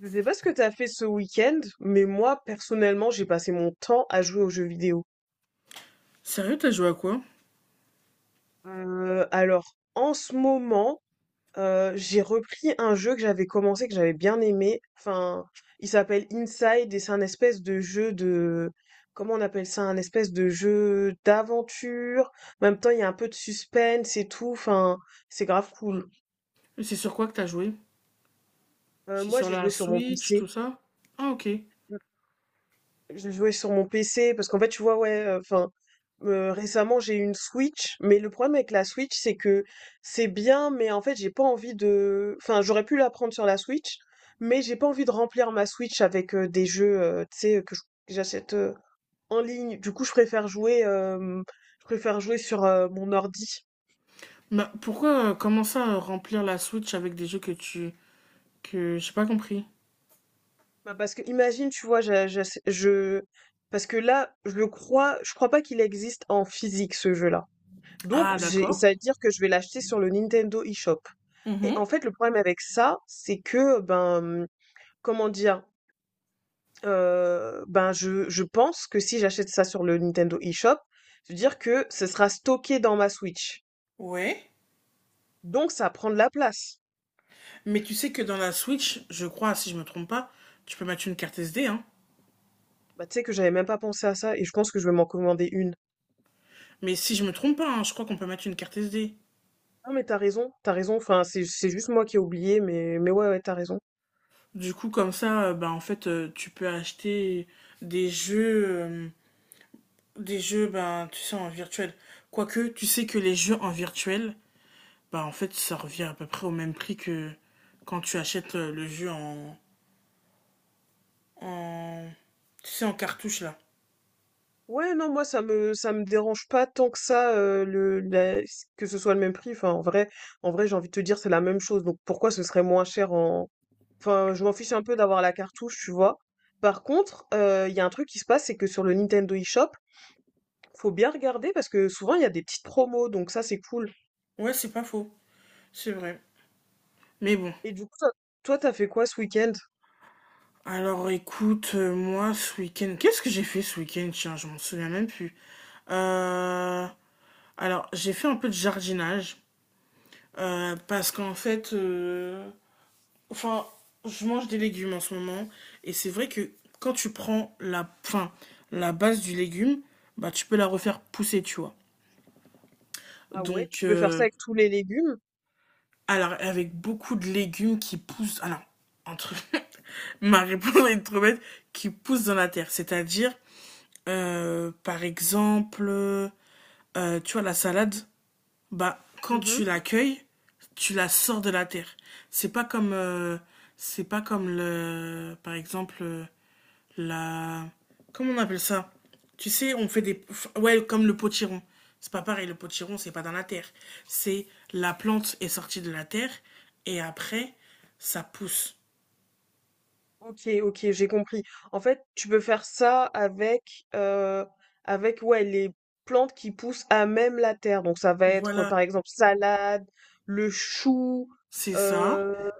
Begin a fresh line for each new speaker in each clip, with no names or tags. Je sais pas ce que t'as fait ce week-end, mais moi, personnellement, j'ai passé mon temps à jouer aux jeux vidéo.
Sérieux, t'as joué à quoi?
En ce moment, j'ai repris un jeu que j'avais commencé, que j'avais bien aimé. Enfin, il s'appelle Inside et c'est un espèce de jeu de... Comment on appelle ça? Un espèce de jeu d'aventure. En même temps, il y a un peu de suspense et tout. Enfin, c'est grave cool.
Et c'est sur quoi que t'as joué? C'est
Moi,
sur
j'ai
la
joué sur mon
Switch,
PC.
tout ça? Ah, ok.
Je jouais sur mon PC parce qu'en fait, tu vois, ouais, récemment j'ai eu une Switch, mais le problème avec la Switch, c'est que c'est bien, mais en fait, j'ai pas envie de. Enfin, j'aurais pu la prendre sur la Switch, mais j'ai pas envie de remplir ma Switch avec des jeux, tu sais, que j'achète en ligne. Du coup, je préfère jouer sur mon ordi.
Bah, pourquoi comment ça remplir la Switch avec des jeux que tu... que j'ai pas compris.
Bah, parce que imagine, tu vois, parce que là, je crois pas qu'il existe en physique ce jeu-là. Donc,
Ah, d'accord.
ça veut dire que je vais l'acheter sur le Nintendo eShop. Et
Mhm.
en fait, le problème avec ça, c'est que, ben, comment dire, je pense que si j'achète ça sur le Nintendo eShop, je veux dire que ce sera stocké dans ma Switch.
Ouais.
Donc, ça prend de la place.
Mais tu sais que dans la Switch, je crois, si je me trompe pas, tu peux mettre une carte SD, hein.
Bah, tu sais que j'avais même pas pensé à ça et je pense que je vais m'en commander une.
Mais si je me trompe pas, hein, je crois qu'on peut mettre une carte SD.
Non, mais t'as raison, t'as raison. Enfin, c'est juste moi qui ai oublié, mais ouais, ouais, t'as raison.
Du coup, comme ça, bah, en fait, tu peux acheter des jeux... euh, des jeux, ben, tu sais, en virtuel. Quoique, tu sais que les jeux en virtuel, bah, en fait, ça revient à peu près au même prix que quand tu achètes le jeu en... Tu sais, en cartouche, là.
Ouais, non, moi, ça me dérange pas tant que ça, que ce soit le même prix. Enfin, en vrai, j'ai envie de te dire, c'est la même chose. Donc, pourquoi ce serait moins cher en, enfin, je m'en fiche un peu d'avoir la cartouche, tu vois. Par contre, il y a un truc qui se passe, c'est que sur le Nintendo eShop, faut bien regarder parce que souvent, il y a des petites promos. Donc, ça, c'est cool.
Ouais, c'est pas faux. C'est vrai. Mais bon.
Et du coup, toi, t'as fait quoi ce week-end?
Alors, écoute, moi, ce week-end... Qu'est-ce que j'ai fait ce week-end? Tiens, je m'en souviens même plus. Euh... Alors, j'ai fait un peu de jardinage. Parce qu'en fait... Enfin, je mange des légumes en ce moment. Et c'est vrai que quand tu prends la... Enfin, la base du légume, bah, tu peux la refaire pousser, tu vois.
Ah ouais,
Donc,
tu peux faire ça avec tous les légumes?
alors, avec beaucoup de légumes qui poussent. Alors, entre. Ma réponse est trop bête, qui poussent dans la terre. C'est-à-dire, par exemple, tu vois, la salade, bah, quand tu l'accueilles, tu la sors de la terre. C'est pas comme. C'est pas comme le. Par exemple, la... Comment on appelle ça? Tu sais, on fait des... Ouais, comme le potiron. C'est pas pareil, le potiron, c'est pas dans la terre. C'est la plante est sortie de la terre et après, ça pousse.
Ok, ok, j'ai compris. En fait, tu peux faire ça avec, ouais, les plantes qui poussent à même la terre. Donc ça va être
Voilà,
par exemple salade, le chou.
c'est ça.
euh,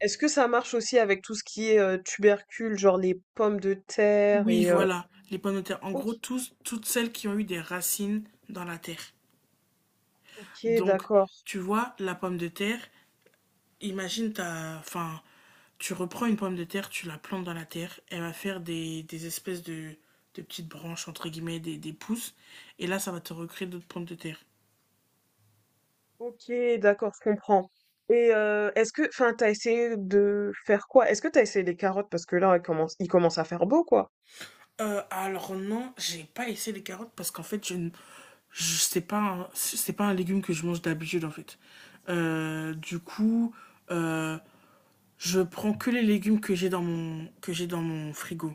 Est-ce que ça marche aussi avec tout ce qui est tubercules, genre les pommes de terre
Oui,
et
voilà, les pommes de terre. En
ok,
gros, toutes celles qui ont eu des racines dans la terre.
ok,
Donc,
d'accord.
tu vois, la pomme de terre, imagine, t'as, enfin, tu reprends une pomme de terre, tu la plantes dans la terre, elle va faire des espèces de petites branches, entre guillemets, des pousses, et là, ça va te recréer d'autres pommes de terre.
Ok, d'accord, je comprends. Et est-ce que, enfin, t'as essayé de faire quoi? Est-ce que t'as essayé les carottes? Parce que là, il commence à faire beau, quoi.
Alors non, j'ai pas essayé les carottes parce qu'en fait, je sais pas c'est pas un légume que je mange d'habitude en fait. Du coup, euh, je prends que les légumes que j'ai dans mon frigo.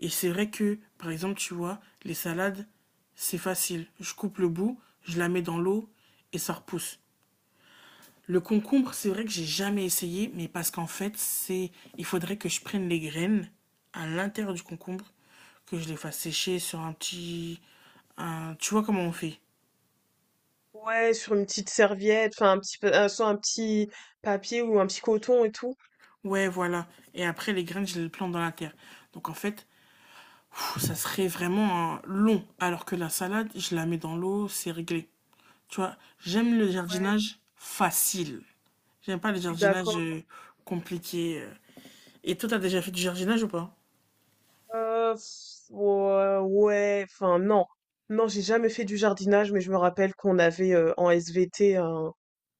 Et c'est vrai que, par exemple, tu vois, les salades, c'est facile. Je coupe le bout, je la mets dans l'eau et ça repousse. Le concombre, c'est vrai que j'ai jamais essayé, mais parce qu'en fait, c'est, il faudrait que je prenne les graines à l'intérieur du concombre, que je les fasse sécher sur un petit, tu vois comment on fait.
Ouais, sur une petite serviette, enfin, soit un petit papier ou un petit coton et tout.
Ouais, voilà. Et après, les graines, je les plante dans la terre. Donc en fait, ça serait vraiment un long. Alors que la salade, je la mets dans l'eau, c'est réglé. Tu vois, j'aime le
Ouais,
jardinage facile. J'aime pas le
je suis d'accord.
jardinage, compliqué, et toi, t'as déjà fait du jardinage ou pas?
Ouais, non. Non, j'ai jamais fait du jardinage, mais je me rappelle qu'on avait en SVT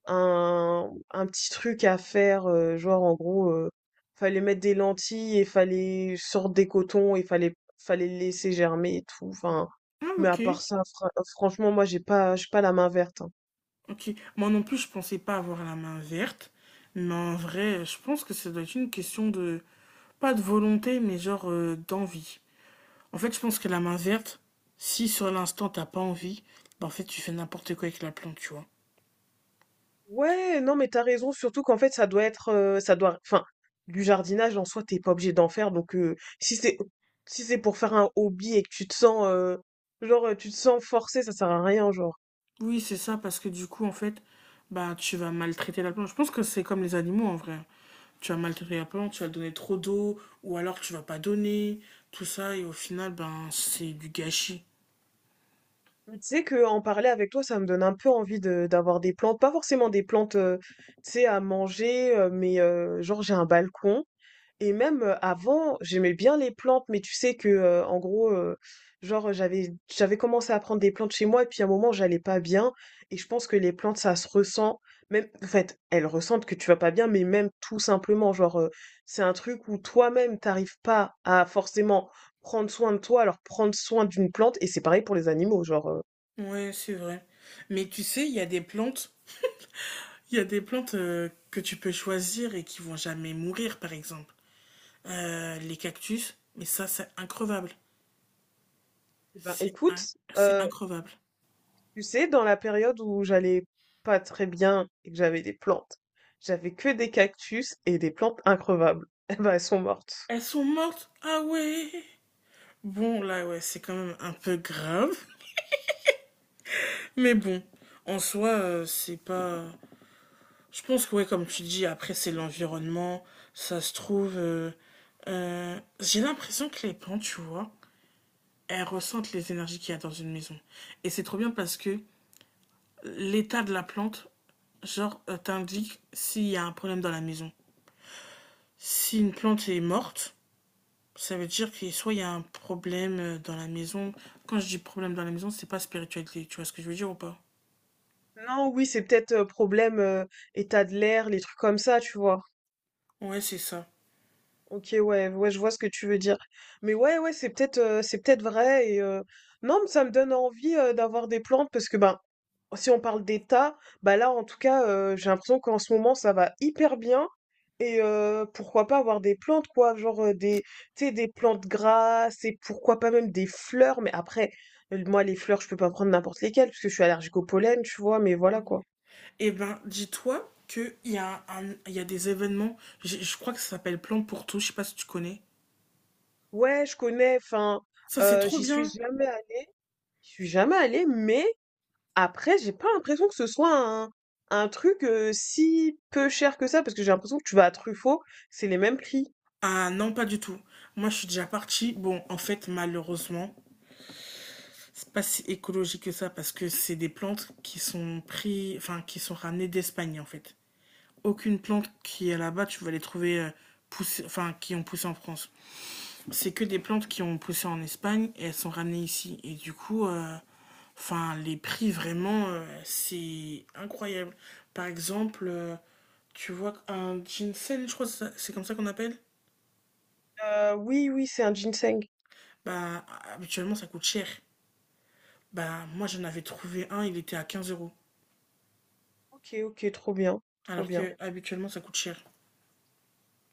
un petit truc à faire, genre en gros, fallait mettre des lentilles et fallait sortir des cotons et fallait le laisser germer et tout. Enfin,
Ah
mais à
OK,
part ça, franchement, moi j'ai pas la main verte, hein.
OK. Moi non plus, je pensais pas avoir la main verte, mais en vrai, je pense que ça doit être une question de pas de volonté, mais genre, d'envie. En fait, je pense que la main verte, si sur l'instant t'as pas envie, bah, en fait, tu fais n'importe quoi avec la plante, tu vois?
Ouais, non mais t'as raison, surtout qu'en fait ça doit enfin du jardinage en soi t'es pas obligé d'en faire donc si c'est pour faire un hobby et que tu te sens forcé, ça sert à rien, genre.
Oui, c'est ça, parce que du coup, en fait, bah, tu vas maltraiter la plante. Je pense que c'est comme les animaux, en vrai. Tu vas maltraiter la plante, tu vas donner trop d'eau, ou alors tu vas pas donner, tout ça, et au final, ben, c'est du gâchis.
Mais tu sais que en parler avec toi, ça me donne un peu envie de d'avoir des plantes, pas forcément des plantes, tu sais, à manger, genre j'ai un balcon. Et même avant, j'aimais bien les plantes, mais tu sais que genre j'avais commencé à prendre des plantes chez moi, et puis à un moment j'allais pas bien. Et je pense que les plantes, ça se ressent. Même, en fait, elles ressentent que tu vas pas bien, mais même tout simplement, c'est un truc où toi-même t'arrives pas à forcément prendre soin de toi, alors prendre soin d'une plante, et c'est pareil pour les animaux, genre, euh.
Ouais, c'est vrai. Mais tu sais, il y a des plantes, il y a des plantes que tu peux choisir et qui vont jamais mourir, par exemple. Les cactus, mais ça, c'est increvable.
Eh ben,
C'est in-
écoute,
c'est increvable.
tu sais, dans la période où j'allais pas très bien et que j'avais des plantes, j'avais que des cactus et des plantes increvables. Eh ben, elles sont mortes.
Elles sont mortes? Ah ouais! Bon, là, ouais, c'est quand même un peu grave. Mais bon, en soi, c'est pas. Je pense que, ouais, comme tu dis, après, c'est l'environnement. Ça se trouve. J'ai l'impression que les plantes, tu vois, elles ressentent les énergies qu'il y a dans une maison. Et c'est trop bien parce que l'état de la plante, genre, t'indique s'il y a un problème dans la maison. Si une plante est morte, ça veut dire que soit il y a un problème dans la maison. Quand je dis problème dans la maison, c'est pas spiritualité. Tu vois ce que je veux dire ou pas?
Non, oui, c'est peut-être problème état de l'air, les trucs comme ça, tu vois.
Ouais, c'est ça.
Ok, ouais, ouais, je vois ce que tu veux dire. Mais ouais, ouais, c'est peut-être vrai. Non, mais ça me donne envie d'avoir des plantes parce que ben, si on parle d'état, bah là, en tout cas, j'ai l'impression qu'en ce moment, ça va hyper bien. Et pourquoi pas avoir des plantes, quoi, tu sais, des plantes grasses et pourquoi pas même des fleurs. Mais après, moi, les fleurs, je peux pas prendre n'importe lesquelles parce que je suis allergique au pollen, tu vois. Mais voilà quoi.
Eh ben, dis-toi qu'il y a un, il y a des événements, je crois que ça s'appelle Plan pour tout, je sais pas si tu connais.
Ouais, je connais, enfin,
Ça, c'est
heu,
trop
j'y suis
bien.
jamais allée j'y suis jamais allée, mais après, j'ai pas l'impression que ce soit un truc, si peu cher que ça, parce que j'ai l'impression que tu vas à Truffaut, c'est les mêmes prix.
Ah non, pas du tout. Moi, je suis déjà partie. Bon, en fait, malheureusement, c'est pas si écologique que ça parce que c'est des plantes qui sont pris, enfin, qui sont ramenées d'Espagne, en fait. Aucune plante qui est là-bas, tu vas les trouver poussées, enfin, qui ont poussé en France. C'est que des plantes qui ont poussé en Espagne et elles sont ramenées ici. Et du coup, enfin, les prix, vraiment, c'est incroyable. Par exemple, tu vois, un ginseng, je crois que c'est comme ça qu'on appelle,
Oui, oui, c'est un ginseng.
bah, habituellement, ça coûte cher. Bah, moi, j'en avais trouvé un, il était à 15 euros.
OK, OK, trop bien, trop
Alors
bien.
que, habituellement, ça coûte cher.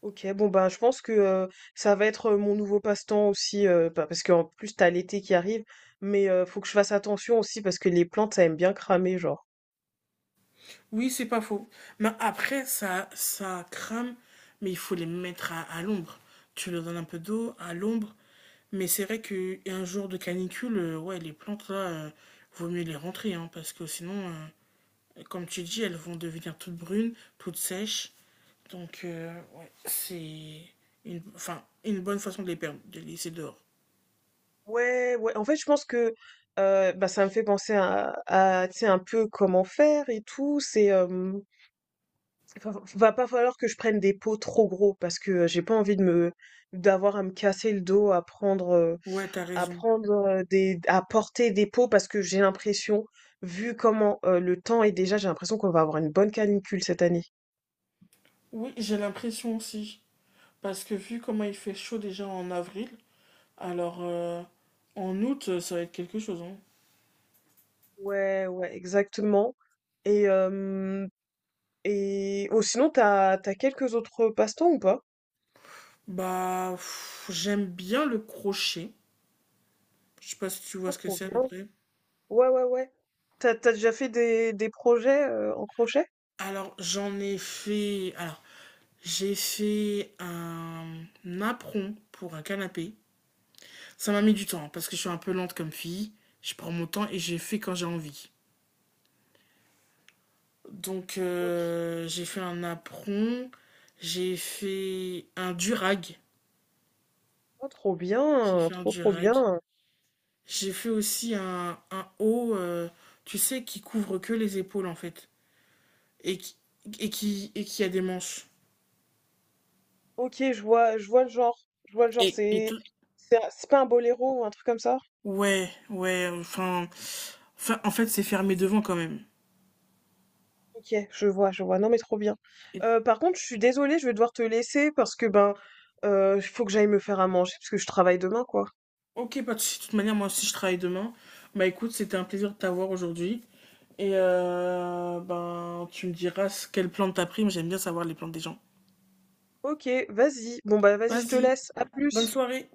Ok, bon ben je pense que ça va être mon nouveau passe-temps aussi, bah, parce qu'en plus t'as l'été qui arrive, mais faut que je fasse attention aussi parce que les plantes ça aime bien cramer, genre.
Oui, c'est pas faux. Mais après, ça crame, mais il faut les mettre à l'ombre. Tu leur donnes un peu d'eau, à l'ombre. Mais c'est vrai qu'un jour de canicule, ouais, les plantes, là, vaut mieux les rentrer, hein, parce que sinon, comme tu dis, elles vont devenir toutes brunes, toutes sèches. Donc, ouais, c'est une, enfin, une bonne façon de les perdre, de les laisser dehors.
Ouais, ouais. En fait, je pense que bah, ça me fait penser à, tu sais, un peu comment faire et tout. C'est Va pas falloir que je prenne des pots trop gros parce que j'ai pas envie de me d'avoir à me casser le dos
Ouais, t'as
à
raison.
prendre des à porter des pots parce que j'ai l'impression vu comment le temps est déjà, j'ai l'impression qu'on va avoir une bonne canicule cette année.
Oui, j'ai l'impression aussi. Parce que vu comment il fait chaud déjà en avril, alors en août, ça va être quelque chose. Hein.
Ouais, ouais, exactement. Et euh, et oh sinon t'as quelques autres passe-temps ou pas?
Bah, j'aime bien le crochet. Je sais pas si tu vois
Pas
ce que
trop
c'est à peu
bien.
près.
Ouais, ouais, ouais. T'as déjà fait des projets en crochet?
Alors, j'en ai fait. Alors, j'ai fait un apron pour un canapé. Ça m'a mis du temps hein, parce que je suis un peu lente comme fille. Je prends mon temps et j'ai fait quand j'ai envie. Donc,
Ok,
j'ai fait un apron, j'ai fait un durag.
oh, trop
J'ai
bien,
fait un
trop
durag.
bien.
J'ai fait aussi un haut, tu sais, qui couvre que les épaules en fait. Et qui, et qui a des manches.
Ok, je vois le genre. Je vois le genre,
Et tout.
c'est pas un boléro ou un truc comme ça?
Ouais, ouais, enfin, en fait, c'est fermé devant quand même.
Ok, je vois, je vois. Non mais trop bien.
Et-
Par contre, je suis désolée, je vais devoir te laisser parce que ben, il faut que j'aille me faire à manger parce que je travaille demain, quoi.
ok, pas de souci. De toute manière, moi aussi, je travaille demain. Bah écoute, c'était un plaisir de t'avoir aujourd'hui. Et ben, tu me diras quelle plante t'as pris, mais j'aime bien savoir les plantes des gens.
Ok, vas-y. Bon bah vas-y, je te
Vas-y,
laisse. À
bonne
plus.
soirée.